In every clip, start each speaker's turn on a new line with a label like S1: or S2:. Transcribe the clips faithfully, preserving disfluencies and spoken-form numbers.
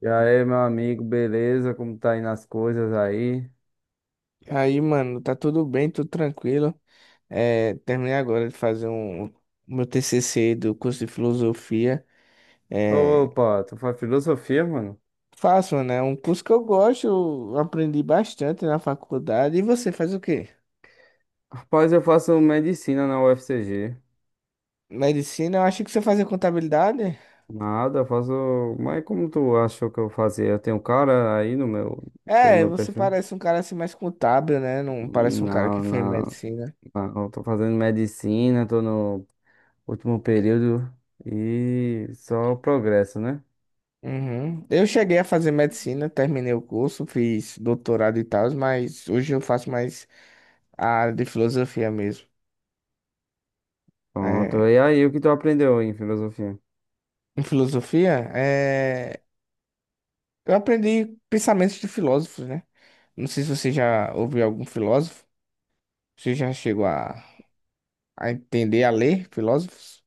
S1: E aí, meu amigo, beleza? Como tá indo as coisas aí?
S2: Aí, mano, tá tudo bem, tudo tranquilo. É, terminei agora de fazer um, o meu T C C do curso de filosofia. É,
S1: Opa, tu faz filosofia, mano?
S2: faço, né? Um curso que eu gosto, eu aprendi bastante na faculdade. E você faz o quê?
S1: Rapaz, eu faço medicina na U F C G.
S2: Medicina? Eu achei que você fazia contabilidade.
S1: Nada, eu faço. Mas como tu achou que eu fazia? Eu tenho um cara aí no meu, pelo
S2: É,
S1: meu
S2: você
S1: perfil?
S2: parece um cara assim mais contábil, né? Não parece um cara
S1: Não,
S2: que fez
S1: não.
S2: medicina.
S1: Não, eu tô fazendo medicina, tô no último período e só progresso, né?
S2: Uhum. Eu cheguei a fazer medicina, terminei o curso, fiz doutorado e tal, mas hoje eu faço mais a área de filosofia mesmo.
S1: Pronto.
S2: É,
S1: E aí, o que tu aprendeu em filosofia?
S2: em filosofia, é... eu aprendi pensamentos de filósofos, né? Não sei se você já ouviu algum filósofo, você já chegou a, a entender, a ler filósofos?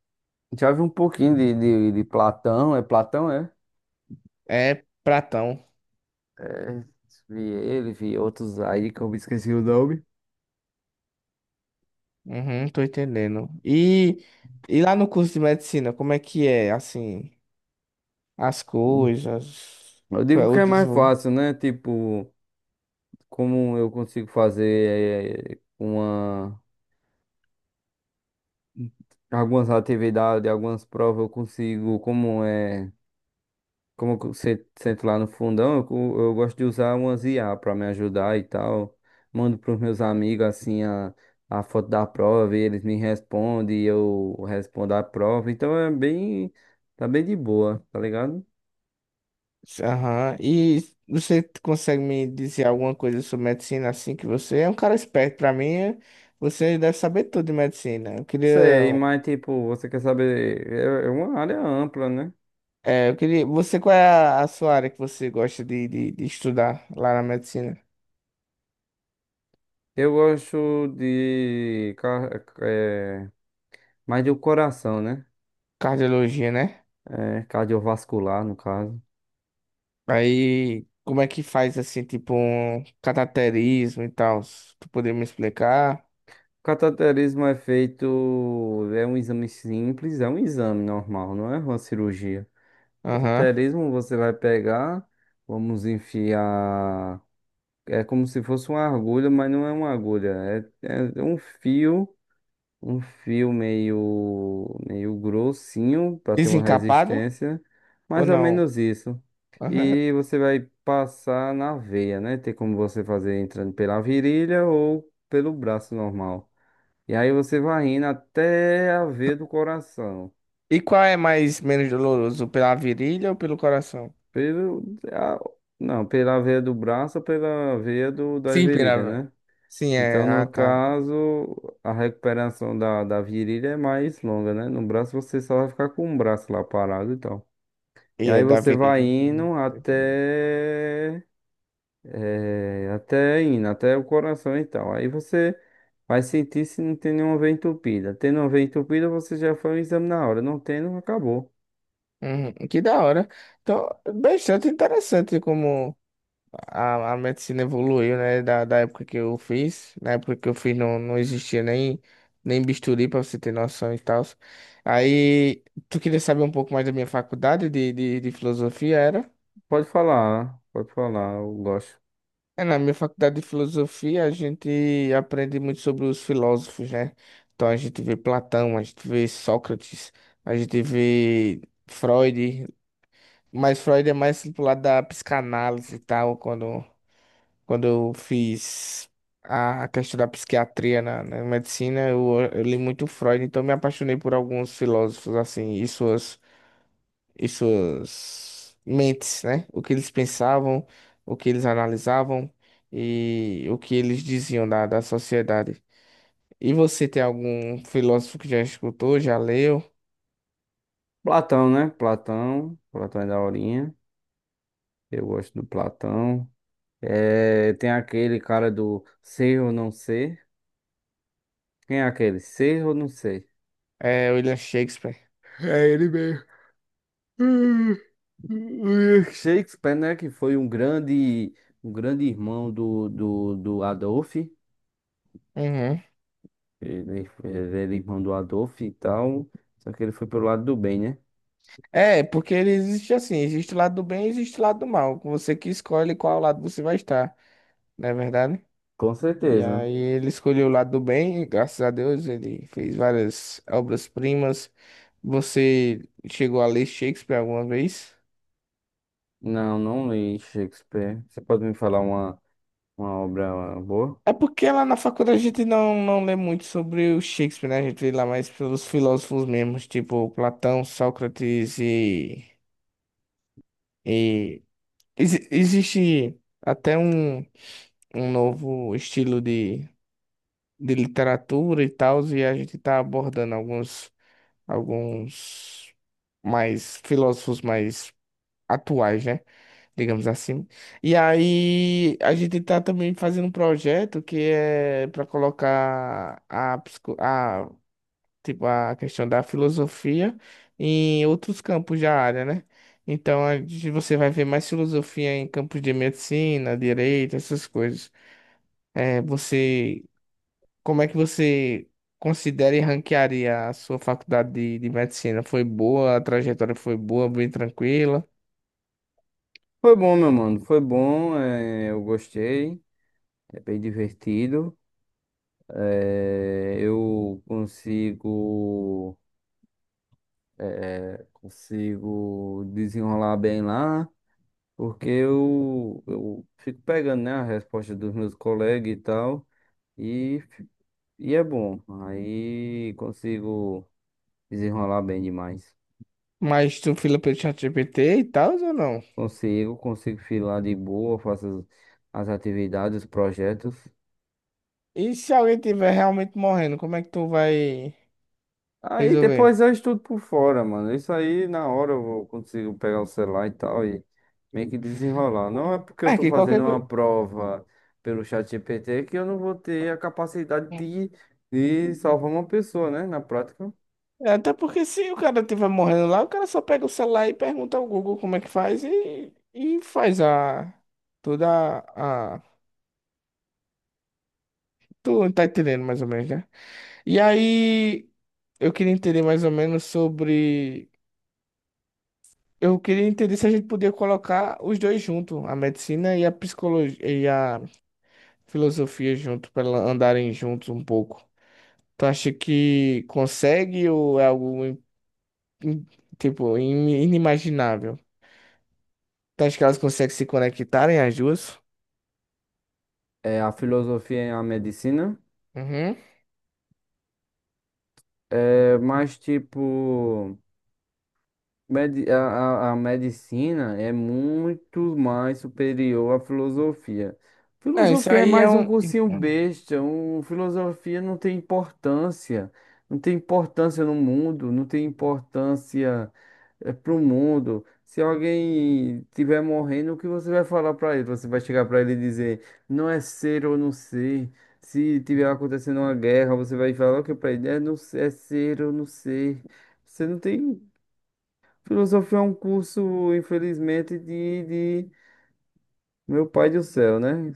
S1: Já vi um pouquinho de, de, de Platão, é Platão, é?
S2: É Platão.
S1: É, vi ele, vi outros aí que eu me esqueci o nome.
S2: Uhum, tô entendendo. E... e lá no curso de medicina, como é que é, assim, as coisas.
S1: Eu digo que
S2: o
S1: é mais
S2: desenvol-
S1: fácil, né? Tipo, como eu consigo fazer eh, uma, algumas atividades, algumas provas, eu consigo, como é, como eu se- sento lá no fundão, eu, co- eu gosto de usar umas I A para me ajudar e tal. Mando para os meus amigos assim a, a foto da prova, e eles me respondem e eu respondo a prova. Então é bem, tá bem de boa, tá ligado?
S2: Aham. E você consegue me dizer alguma coisa sobre medicina, assim, que você é um cara esperto, pra mim, você deve saber tudo de medicina. Eu queria
S1: Sei, mas tipo, você quer saber, é é uma área ampla, né?
S2: É, eu queria. Você, qual é a, a sua área que você gosta de, de, de estudar lá na medicina?
S1: Eu gosto de ca- é, mais do coração, né?
S2: Cardiologia, né?
S1: É, cardiovascular, no caso.
S2: Aí, como é que faz assim, tipo, um cateterismo e tal? Se Tu poderia me explicar?
S1: Cateterismo é feito, é um exame simples, é um exame normal, não é uma cirurgia.
S2: Aham.
S1: Cateterismo você vai pegar, vamos enfiar, é como se fosse uma agulha, mas não é uma agulha, é é um fio. Um fio meio, meio grossinho para ter uma
S2: Desencapado
S1: resistência,
S2: ou
S1: mais ou
S2: não?
S1: menos isso.
S2: Aham.
S1: E você vai passar na veia, né? Tem como você fazer entrando pela virilha ou pelo braço normal. E aí você vai indo até a veia do coração.
S2: E qual é mais menos doloroso, pela virilha ou pelo coração?
S1: Pelo, a- não, pela veia do braço ou pela veia do, da
S2: Sim,
S1: virilha,
S2: pela.
S1: né?
S2: Sim,
S1: Então,
S2: é. Ah,
S1: no
S2: tá.
S1: caso, a recuperação da, da virilha é mais longa, né? No braço você só vai ficar com o braço lá parado e tal.
S2: E
S1: E
S2: é
S1: aí
S2: da
S1: você vai
S2: virilha. Uhum,
S1: indo
S2: tô entendendo.
S1: até. Eh, até indo, até o coração e tal. Aí você vai sentir se não tem nenhuma veia entupida. Tendo uma veia entupida, você já faz o exame na hora. Não tendo, acabou.
S2: Uhum, que da hora. Então, bastante interessante como. A, a medicina evoluiu, né? Da, da época que eu fiz. Na época que eu fiz não, não existia nem, nem bisturi, pra você ter noção e tal. Aí, tu queria saber um pouco mais da minha faculdade de, de, de filosofia, era?
S1: Pode falar, pode falar, eu gosto.
S2: É, na minha faculdade de filosofia, a gente aprende muito sobre os filósofos, né? Então, a gente vê Platão, a gente vê Sócrates, a gente vê Freud. Mas Freud é mais pro lado da psicanálise e tal, quando Quando eu fiz a questão da psiquiatria na, na medicina, eu, eu li muito Freud, então me apaixonei por alguns filósofos assim e suas, e suas mentes, né? O que eles pensavam, o que eles analisavam e o que eles diziam da, da sociedade. E você tem algum filósofo que já escutou, já leu?
S1: Platão, né? Platão. Platão é da horinha. Eu gosto do Platão. É, tem aquele cara do ser ou não ser. Quem é aquele? Ser ou não ser?
S2: É William Shakespeare.
S1: É ele mesmo. William Shakespeare, né? Que foi um grande, um grande irmão do, do, do Adolf.
S2: Uhum.
S1: Ele, ele era irmão do Adolf e tal. Só que ele foi pelo lado do bem, né?
S2: É, porque ele existe assim, existe o lado do bem e existe o lado do mal. Você que escolhe qual lado você vai estar, não é verdade?
S1: Com
S2: E
S1: certeza.
S2: aí ele escolheu o lado do bem, e graças a Deus ele fez várias obras-primas. Você chegou a ler Shakespeare alguma vez?
S1: Não, não li Shakespeare. Você pode me falar uma, uma obra boa?
S2: É porque lá na faculdade a gente não, não lê muito sobre o Shakespeare, né? A gente lê lá mais pelos filósofos mesmos, tipo Platão, Sócrates. e... e... exi- Existe até um, um novo estilo de, de literatura e tal, e a gente tá abordando alguns, alguns mais filósofos mais atuais, né? Digamos assim. E aí a gente tá também fazendo um projeto que é para colocar a, psico- a, tipo, a questão da filosofia em outros campos da área, né? Então a gente- você vai ver mais filosofia em campos de medicina, direito, essas coisas. É, você, como é que você considera e ranquearia a sua faculdade de, de medicina? Foi boa, a trajetória foi boa, bem tranquila?
S1: Foi bom, meu mano. Foi bom. É, eu gostei. É bem divertido. É, eu consigo, consigo desenrolar bem lá, porque eu, eu fico pegando, né, a resposta dos meus colegas e tal, e, fi- e é bom. Aí consigo desenrolar bem demais.
S2: Mas tu fila pelo ChatGPT e tal ou não?
S1: Consigo, consigo filar de boa, faço as as atividades, os projetos.
S2: E se alguém tiver realmente morrendo, como é que tu vai
S1: Aí
S2: resolver?
S1: depois eu estudo por fora, mano. Isso aí na hora eu vou- consigo pegar o celular e tal e meio que desenrolar. Não é porque eu
S2: É
S1: tô
S2: que
S1: fazendo
S2: qualquer coisa.
S1: uma prova pelo ChatGPT que eu não vou ter a capacidade de, de salvar uma pessoa, né? Na prática.
S2: Até porque se o cara tiver morrendo lá, o cara só pega o celular e pergunta ao Google como é que faz e, e faz a. Toda a. a- Tu tá entendendo mais ou menos, né? E aí, eu queria entender mais ou menos sobre. Eu queria entender se a gente podia colocar os dois juntos, a medicina e a psicologia, filosofia junto, para andarem juntos um pouco. Tu acha que consegue ou é algo im- im- tipo im- inimaginável? Tu acha que elas conseguem se conectarem as duas?
S1: É, a filosofia é a medicina.
S2: Uhum.
S1: É, mas tipo. Medi- a, a, a medicina é muito mais superior à filosofia.
S2: Não, isso
S1: Filosofia é
S2: aí é
S1: mais um
S2: um.
S1: cursinho besta, um, filosofia não tem importância, não tem importância no mundo, não tem importância para o mundo. Se alguém estiver morrendo, o que você vai falar para ele? Você vai chegar para ele e dizer, não é ser ou não ser. Se tiver acontecendo uma guerra, você vai falar o que para ele? É, não, é ser ou não ser. Você não tem. Filosofia é um curso, infelizmente, de, de meu pai do céu, né?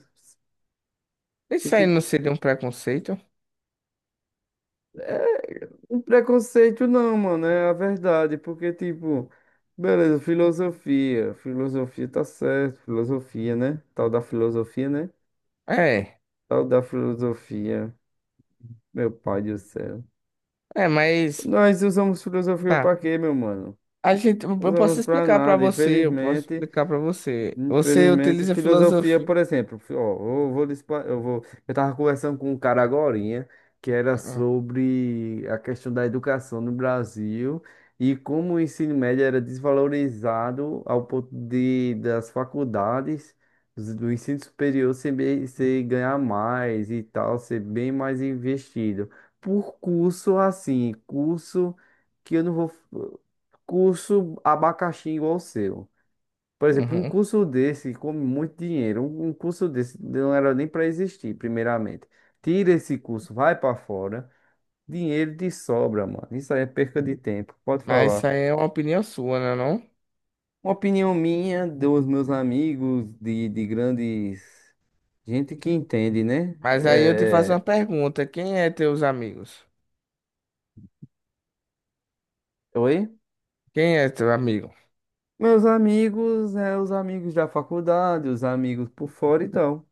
S1: E
S2: Isso
S1: que
S2: aí não seria um preconceito?
S1: um preconceito não, mano, é a verdade, porque, tipo, beleza, filosofia, filosofia tá certo, filosofia, né? Tal da filosofia, né?
S2: É,
S1: Tal da filosofia, meu pai do céu.
S2: é, mas
S1: Nós usamos filosofia
S2: tá.
S1: pra quê, meu mano?
S2: A gente, eu eu posso
S1: Usamos pra
S2: explicar pra
S1: nada,
S2: você, eu posso
S1: infelizmente.
S2: explicar pra você. Você
S1: Infelizmente,
S2: utiliza
S1: filosofia,
S2: filosofia.
S1: por exemplo, fi- ó, eu vou, lhe expla- eu vou, eu tava conversando com um cara agorinha que era
S2: Uhum.
S1: sobre a questão da educação no Brasil e como o ensino médio era desvalorizado ao ponto de das faculdades dos- do ensino superior ser, bem- ser ganhar mais e tal, ser bem mais investido por curso assim, curso que eu não vou curso abacaxi igual o seu. Por exemplo, um
S2: Uhum.
S1: curso desse come muito dinheiro. Um um curso desse não era nem para existir, primeiramente. Tira esse curso, vai para fora. Dinheiro de sobra, mano. Isso aí é perca de tempo. Pode
S2: Mas isso
S1: falar.
S2: aí é uma opinião sua, né, não?
S1: Uma opinião minha, dos meus amigos, de, de grandes. Gente que entende, né?
S2: Mas aí eu te faço uma
S1: É...
S2: pergunta, quem é teus amigos?
S1: é, oi?
S2: Quem é teu amigo?
S1: Meus amigos, é, os amigos da faculdade, os amigos por fora e tal.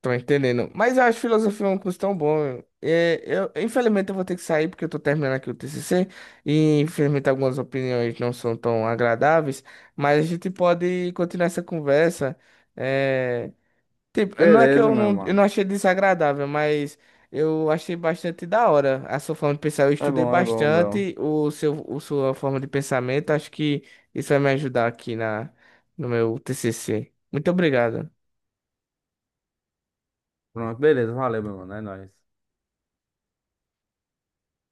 S2: Tô entendendo. Mas eu acho filosofia um curso tão bom. É, eu, infelizmente eu vou ter que sair porque eu tô terminando aqui o T C C e infelizmente algumas opiniões não são tão agradáveis, mas a gente pode continuar essa conversa. É, tipo, não é que
S1: Beleza,
S2: eu
S1: meu
S2: não, eu
S1: mano.
S2: não achei desagradável, mas eu achei bastante da hora a sua forma de pensar. Eu
S1: É
S2: estudei
S1: bom, é bom, bom.
S2: bastante o seu, o sua forma de pensamento. Acho que isso vai me ajudar aqui na, no meu T C C. Muito obrigado.
S1: Pronto, beleza. Valeu, meu mano. É nóis.